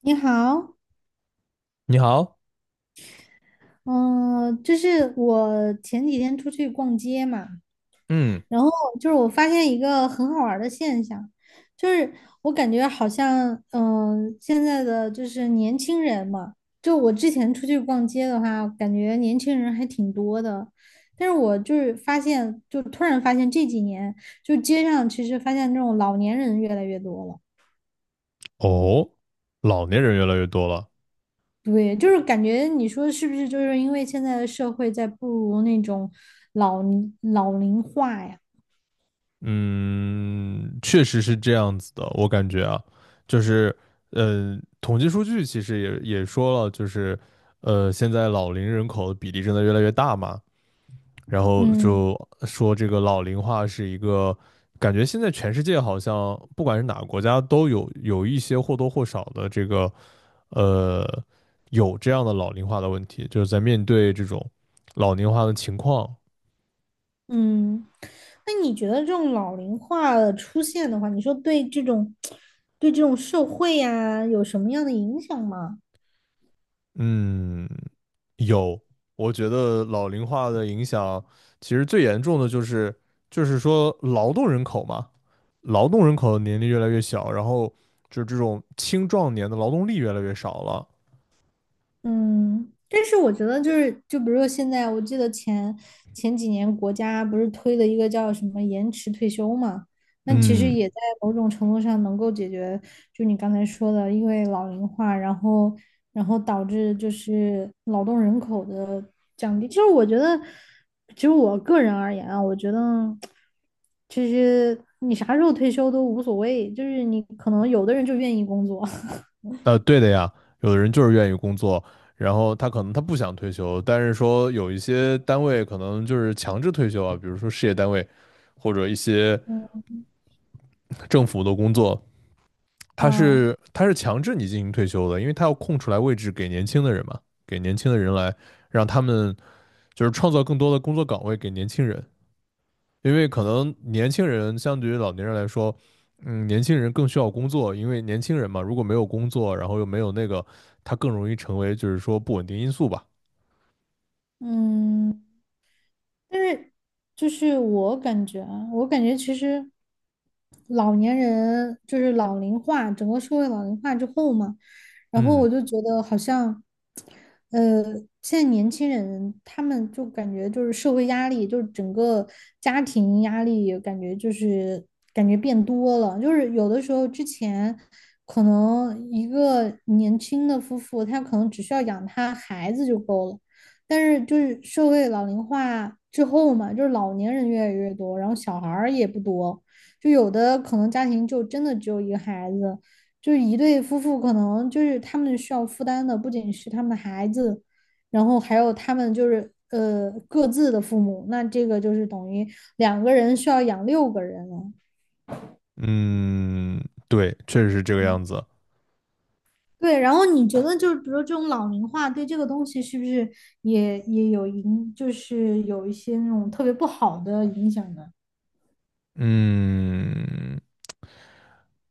你好，你好。嗯、就是我前几天出去逛街嘛，嗯。然后我发现一个很好玩儿的现象。就是我感觉好像，现在的就是年轻人嘛，就我之前出去逛街的话，感觉年轻人还挺多的，但是我发现，就突然发现这几年，就街上其实发现这种老年人越来越多了。哦，老年人越来越多了。对，就是感觉你说是不是就是因为现在的社会在步入那种老龄化呀？嗯，确实是这样子的，我感觉啊，就是，统计数据其实也说了，就是，现在老龄人口的比例正在越来越大嘛。然后嗯。就说这个老龄化是一个，感觉现在全世界好像不管是哪个国家都有一些或多或少的这个，呃，有这样的老龄化的问题，就是在面对这种老龄化的情况。嗯，那你觉得这种老龄化的出现的话，你说对这种对这种社会呀，有什么样的影响吗？嗯，有，我觉得老龄化的影响其实最严重的就是就是说劳动人口嘛，劳动人口的年龄越来越小，然后就是这种青壮年的劳动力越来越少了。嗯，但是我觉得就是，就比如说现在，我记得前几年国家不是推了一个叫什么延迟退休嘛，那其实嗯。也在某种程度上能够解决，就你刚才说的，因为老龄化，然后导致就是劳动人口的降低。其实我觉得，其实我个人而言啊，我觉得其实你啥时候退休都无所谓，就是你可能有的人就愿意工作。 对的呀，有的人就是愿意工作，然后他可能不想退休，但是说有一些单位可能就是强制退休啊，比如说事业单位或者一些政府的工作，他啊，是他是强制你进行退休的，因为他要空出来位置给年轻的人嘛，给年轻的人来让他们就是创造更多的工作岗位给年轻人，因为可能年轻人相对于老年人来说，嗯，年轻人更需要工作，因为年轻人嘛，如果没有工作，然后又没有那个，他更容易成为就是说不稳定因素吧。嗯。但是就是我感觉啊，我感觉其实老年人就是老龄化，整个社会老龄化之后嘛，然后嗯我就觉得好像，呃，现在年轻人他们就感觉就是社会压力，就是整个家庭压力，感觉就是感觉变多了，就是有的时候之前。可能一个年轻的夫妇，他可能只需要养他孩子就够了，但是就是社会老龄化之后嘛，就是老年人越来越多，然后小孩儿也不多，就有的可能家庭就真的只有一个孩子，就是一对夫妇可能就是他们需要负担的不仅是他们的孩子，然后还有他们就是各自的父母，那这个就是等于两个人需要养六个人了。嗯。对，确实是这个样子。对，然后你觉得就是比如说这种老龄化对这个东西是不是也有影，就是有一些那种特别不好的影响呢？嗯，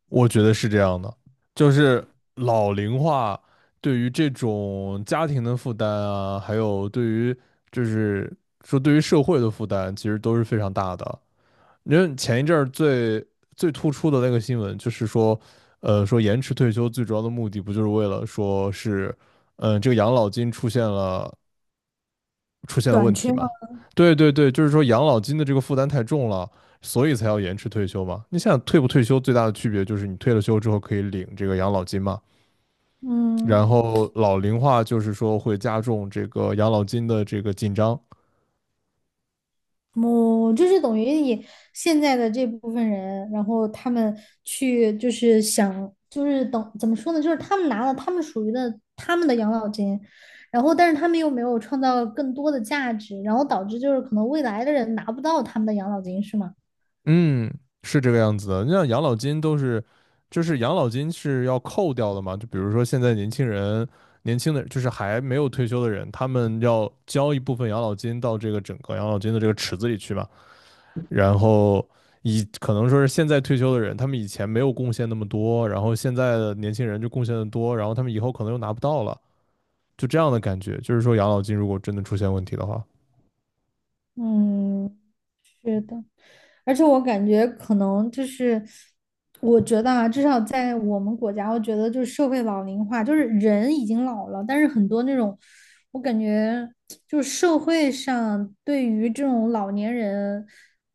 我觉得是这样的，就是老龄化对于这种家庭的负担啊，还有对于就是说对于社会的负担，其实都是非常大的。因为前一阵儿最突出的那个新闻就是说，呃，说延迟退休最主要的目的不就是为了说是，嗯、这个养老金出现了短问题缺吗？嘛？对对对，就是说养老金的这个负担太重了，所以才要延迟退休嘛。你想退不退休最大的区别就是你退了休之后可以领这个养老金嘛，然嗯，后老龄化就是说会加重这个养老金的这个紧张。我就是等于你现在的这部分人，然后他们去就是想就是等怎么说呢，就是他们拿了他们属于的他们的养老金，然后但是他们又没有创造更多的价值，然后导致就是可能未来的人拿不到他们的养老金，是吗？嗯，是这个样子的。你像养老金都是，就是养老金是要扣掉的嘛。就比如说现在年轻人，年轻的就是还没有退休的人，他们要交一部分养老金到这个整个养老金的这个池子里去嘛。然后以可能说是现在退休的人，他们以前没有贡献那么多，然后现在的年轻人就贡献的多，然后他们以后可能又拿不到了，就这样的感觉。就是说养老金如果真的出现问题的话。嗯，是的，而且我感觉可能就是，我觉得啊，至少在我们国家，我觉得就是社会老龄化，就是人已经老了，但是很多那种，我感觉就是社会上对于这种老年人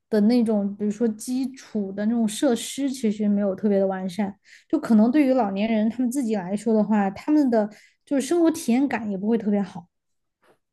的那种，比如说基础的那种设施，其实没有特别的完善，就可能对于老年人他们自己来说的话，他们的就是生活体验感也不会特别好。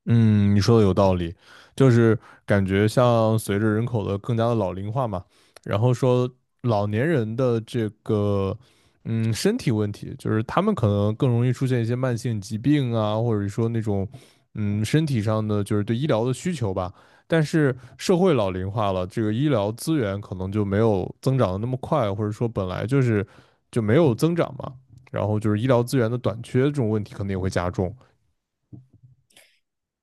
嗯，你说的有道理，就是感觉像随着人口的更加的老龄化嘛，然后说老年人的这个嗯身体问题，就是他们可能更容易出现一些慢性疾病啊，或者说那种嗯身体上的就是对医疗的需求吧。但是社会老龄化了，这个医疗资源可能就没有增长的那么快，或者说本来就是就没有增长嘛，然后就是医疗资源的短缺这种问题可能也会加重。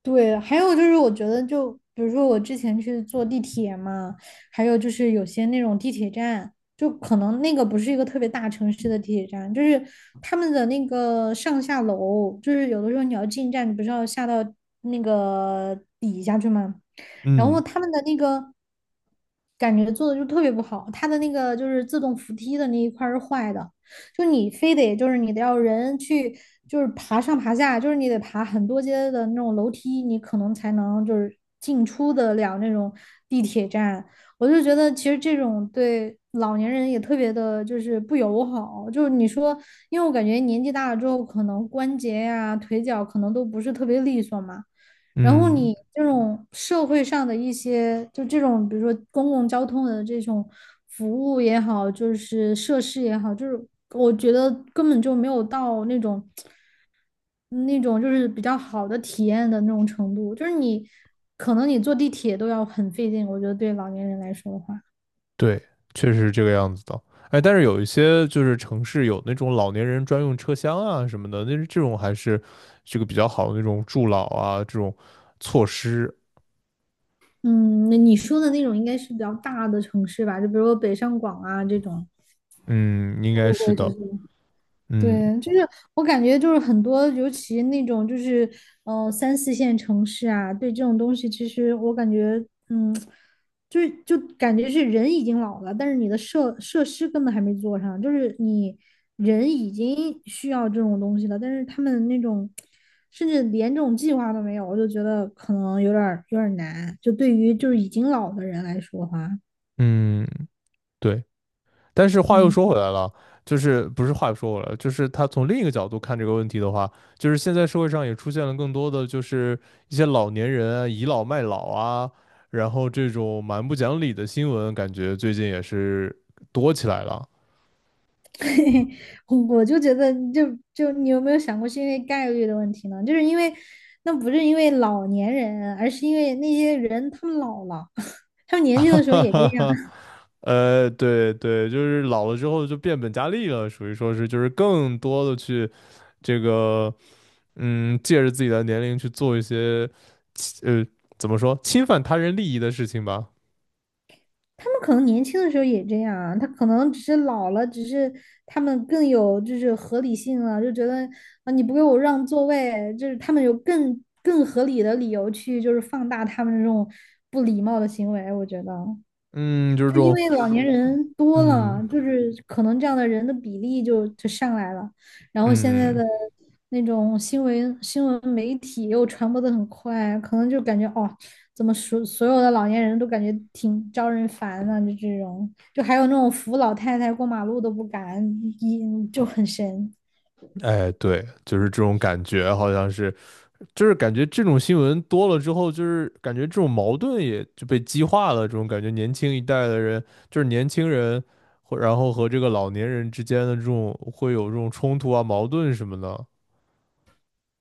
对，还有就是我觉得就比如说我之前去坐地铁嘛，还有就是有些那种地铁站，就可能那个不是一个特别大城市的地铁站，就是他们的那个上下楼，就是有的时候你要进站，你不是要下到那个底下去吗？然后嗯他们的那个感觉做的就特别不好，他的那个就是自动扶梯的那一块儿是坏的，就你非得就是你得要人去就是爬上爬下，就是你得爬很多阶的那种楼梯，你可能才能就是进出得了那种地铁站。我就觉得其实这种对老年人也特别的，就是不友好。就是你说，因为我感觉年纪大了之后，可能关节呀、腿脚可能都不是特别利索嘛。然后嗯。你这种社会上的一些，就这种，比如说公共交通的这种服务也好，就是设施也好，就是我觉得根本就没有到那种就是比较好的体验的那种程度。就是你可能你坐地铁都要很费劲，我觉得对老年人来说的话，对，确实是这个样子的。哎，但是有一些就是城市有那种老年人专用车厢啊什么的，那这种还是这个比较好的那种助老啊这种措施。嗯，那你说的那种应该是比较大的城市吧，就比如说北上广啊这种，嗯，应会该不是会就的。是？嗯对，就是我感觉就是很多，尤其那种就是三四线城市啊，对这种东西，其实我感觉，嗯，就是就感觉是人已经老了，但是你的设施根本还没做上，就是你人已经需要这种东西了，但是他们那种甚至连这种计划都没有，我就觉得可能有点儿难，就对于就是已经老的人来说的话，嗯。对。但是话又嗯。 说回来了，就是不是话又说回来了，就是他从另一个角度看这个问题的话，就是现在社会上也出现了更多的就是一些老年人啊倚老卖老啊，然后这种蛮不讲理的新闻，感觉最近也是多起来了。我就觉得就，就你有没有想过，是因为概率的问题呢？就是因为那不是因为老年人，而是因为那些人他们老了，他们 年哈轻的时候哈也这哈样，哈，对对，就是老了之后就变本加厉了，属于说是就是更多的去这个，嗯，借着自己的年龄去做一些，呃，怎么说，侵犯他人利益的事情吧。他们可能年轻的时候也这样啊，他可能只是老了，只是他们更有就是合理性了，就觉得啊你不给我让座位，就是他们有更合理的理由去就是放大他们这种不礼貌的行为，我觉得。嗯，就是这就因种。为老年人多嗯了，就是可能这样的人的比例就上来了，然后现在嗯。的那种新闻媒体又传播的很快，可能就感觉哦，怎么所有的老年人都感觉挺招人烦的，就这种，就还有那种扶老太太过马路都不敢，一就很神。哎，对，就是这种感觉，好像是，就是感觉这种新闻多了之后，就是感觉这种矛盾也就被激化了，这种感觉，年轻一代的人，就是年轻人，或然后和这个老年人之间的这种会有这种冲突啊、矛盾什么的。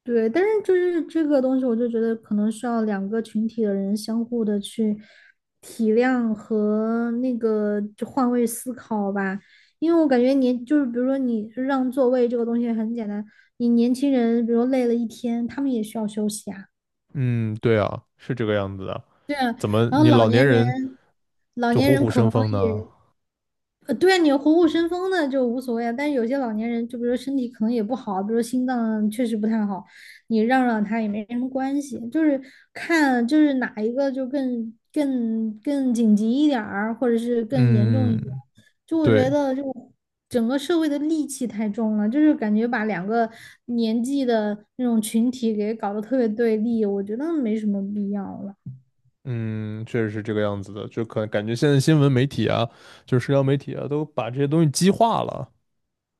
对，但是就是这个东西，我就觉得可能需要两个群体的人相互的去体谅和那个就换位思考吧。因为我感觉年就是比如说你让座位这个东西很简单，你年轻人比如说累了一天，他们也需要休息啊。嗯，对啊，是这个样子的。怎么然后你老老年年人，人老就年虎人虎可生能风呢？也对啊，你虎虎生风的就无所谓啊，但是有些老年人，就比如说身体可能也不好，比如说心脏确实不太好，你让他也没什么关系，就是看就是哪一个就更紧急一点儿，或者是更严重一嗯，点。就我觉对。得，就整个社会的戾气太重了，就是感觉把两个年纪的那种群体给搞得特别对立，我觉得没什么必要了。嗯，确实是这个样子的，就可感觉现在新闻媒体啊，就是社交媒体啊，都把这些东西激化了。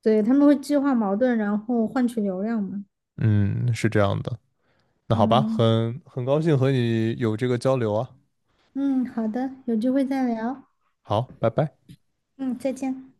对，他们会激化矛盾，然后换取流量嘛。嗯，是这样的。那好吧，嗯。很高兴和你有这个交流啊。嗯，好的，有机会再聊。好，拜拜。嗯，再见。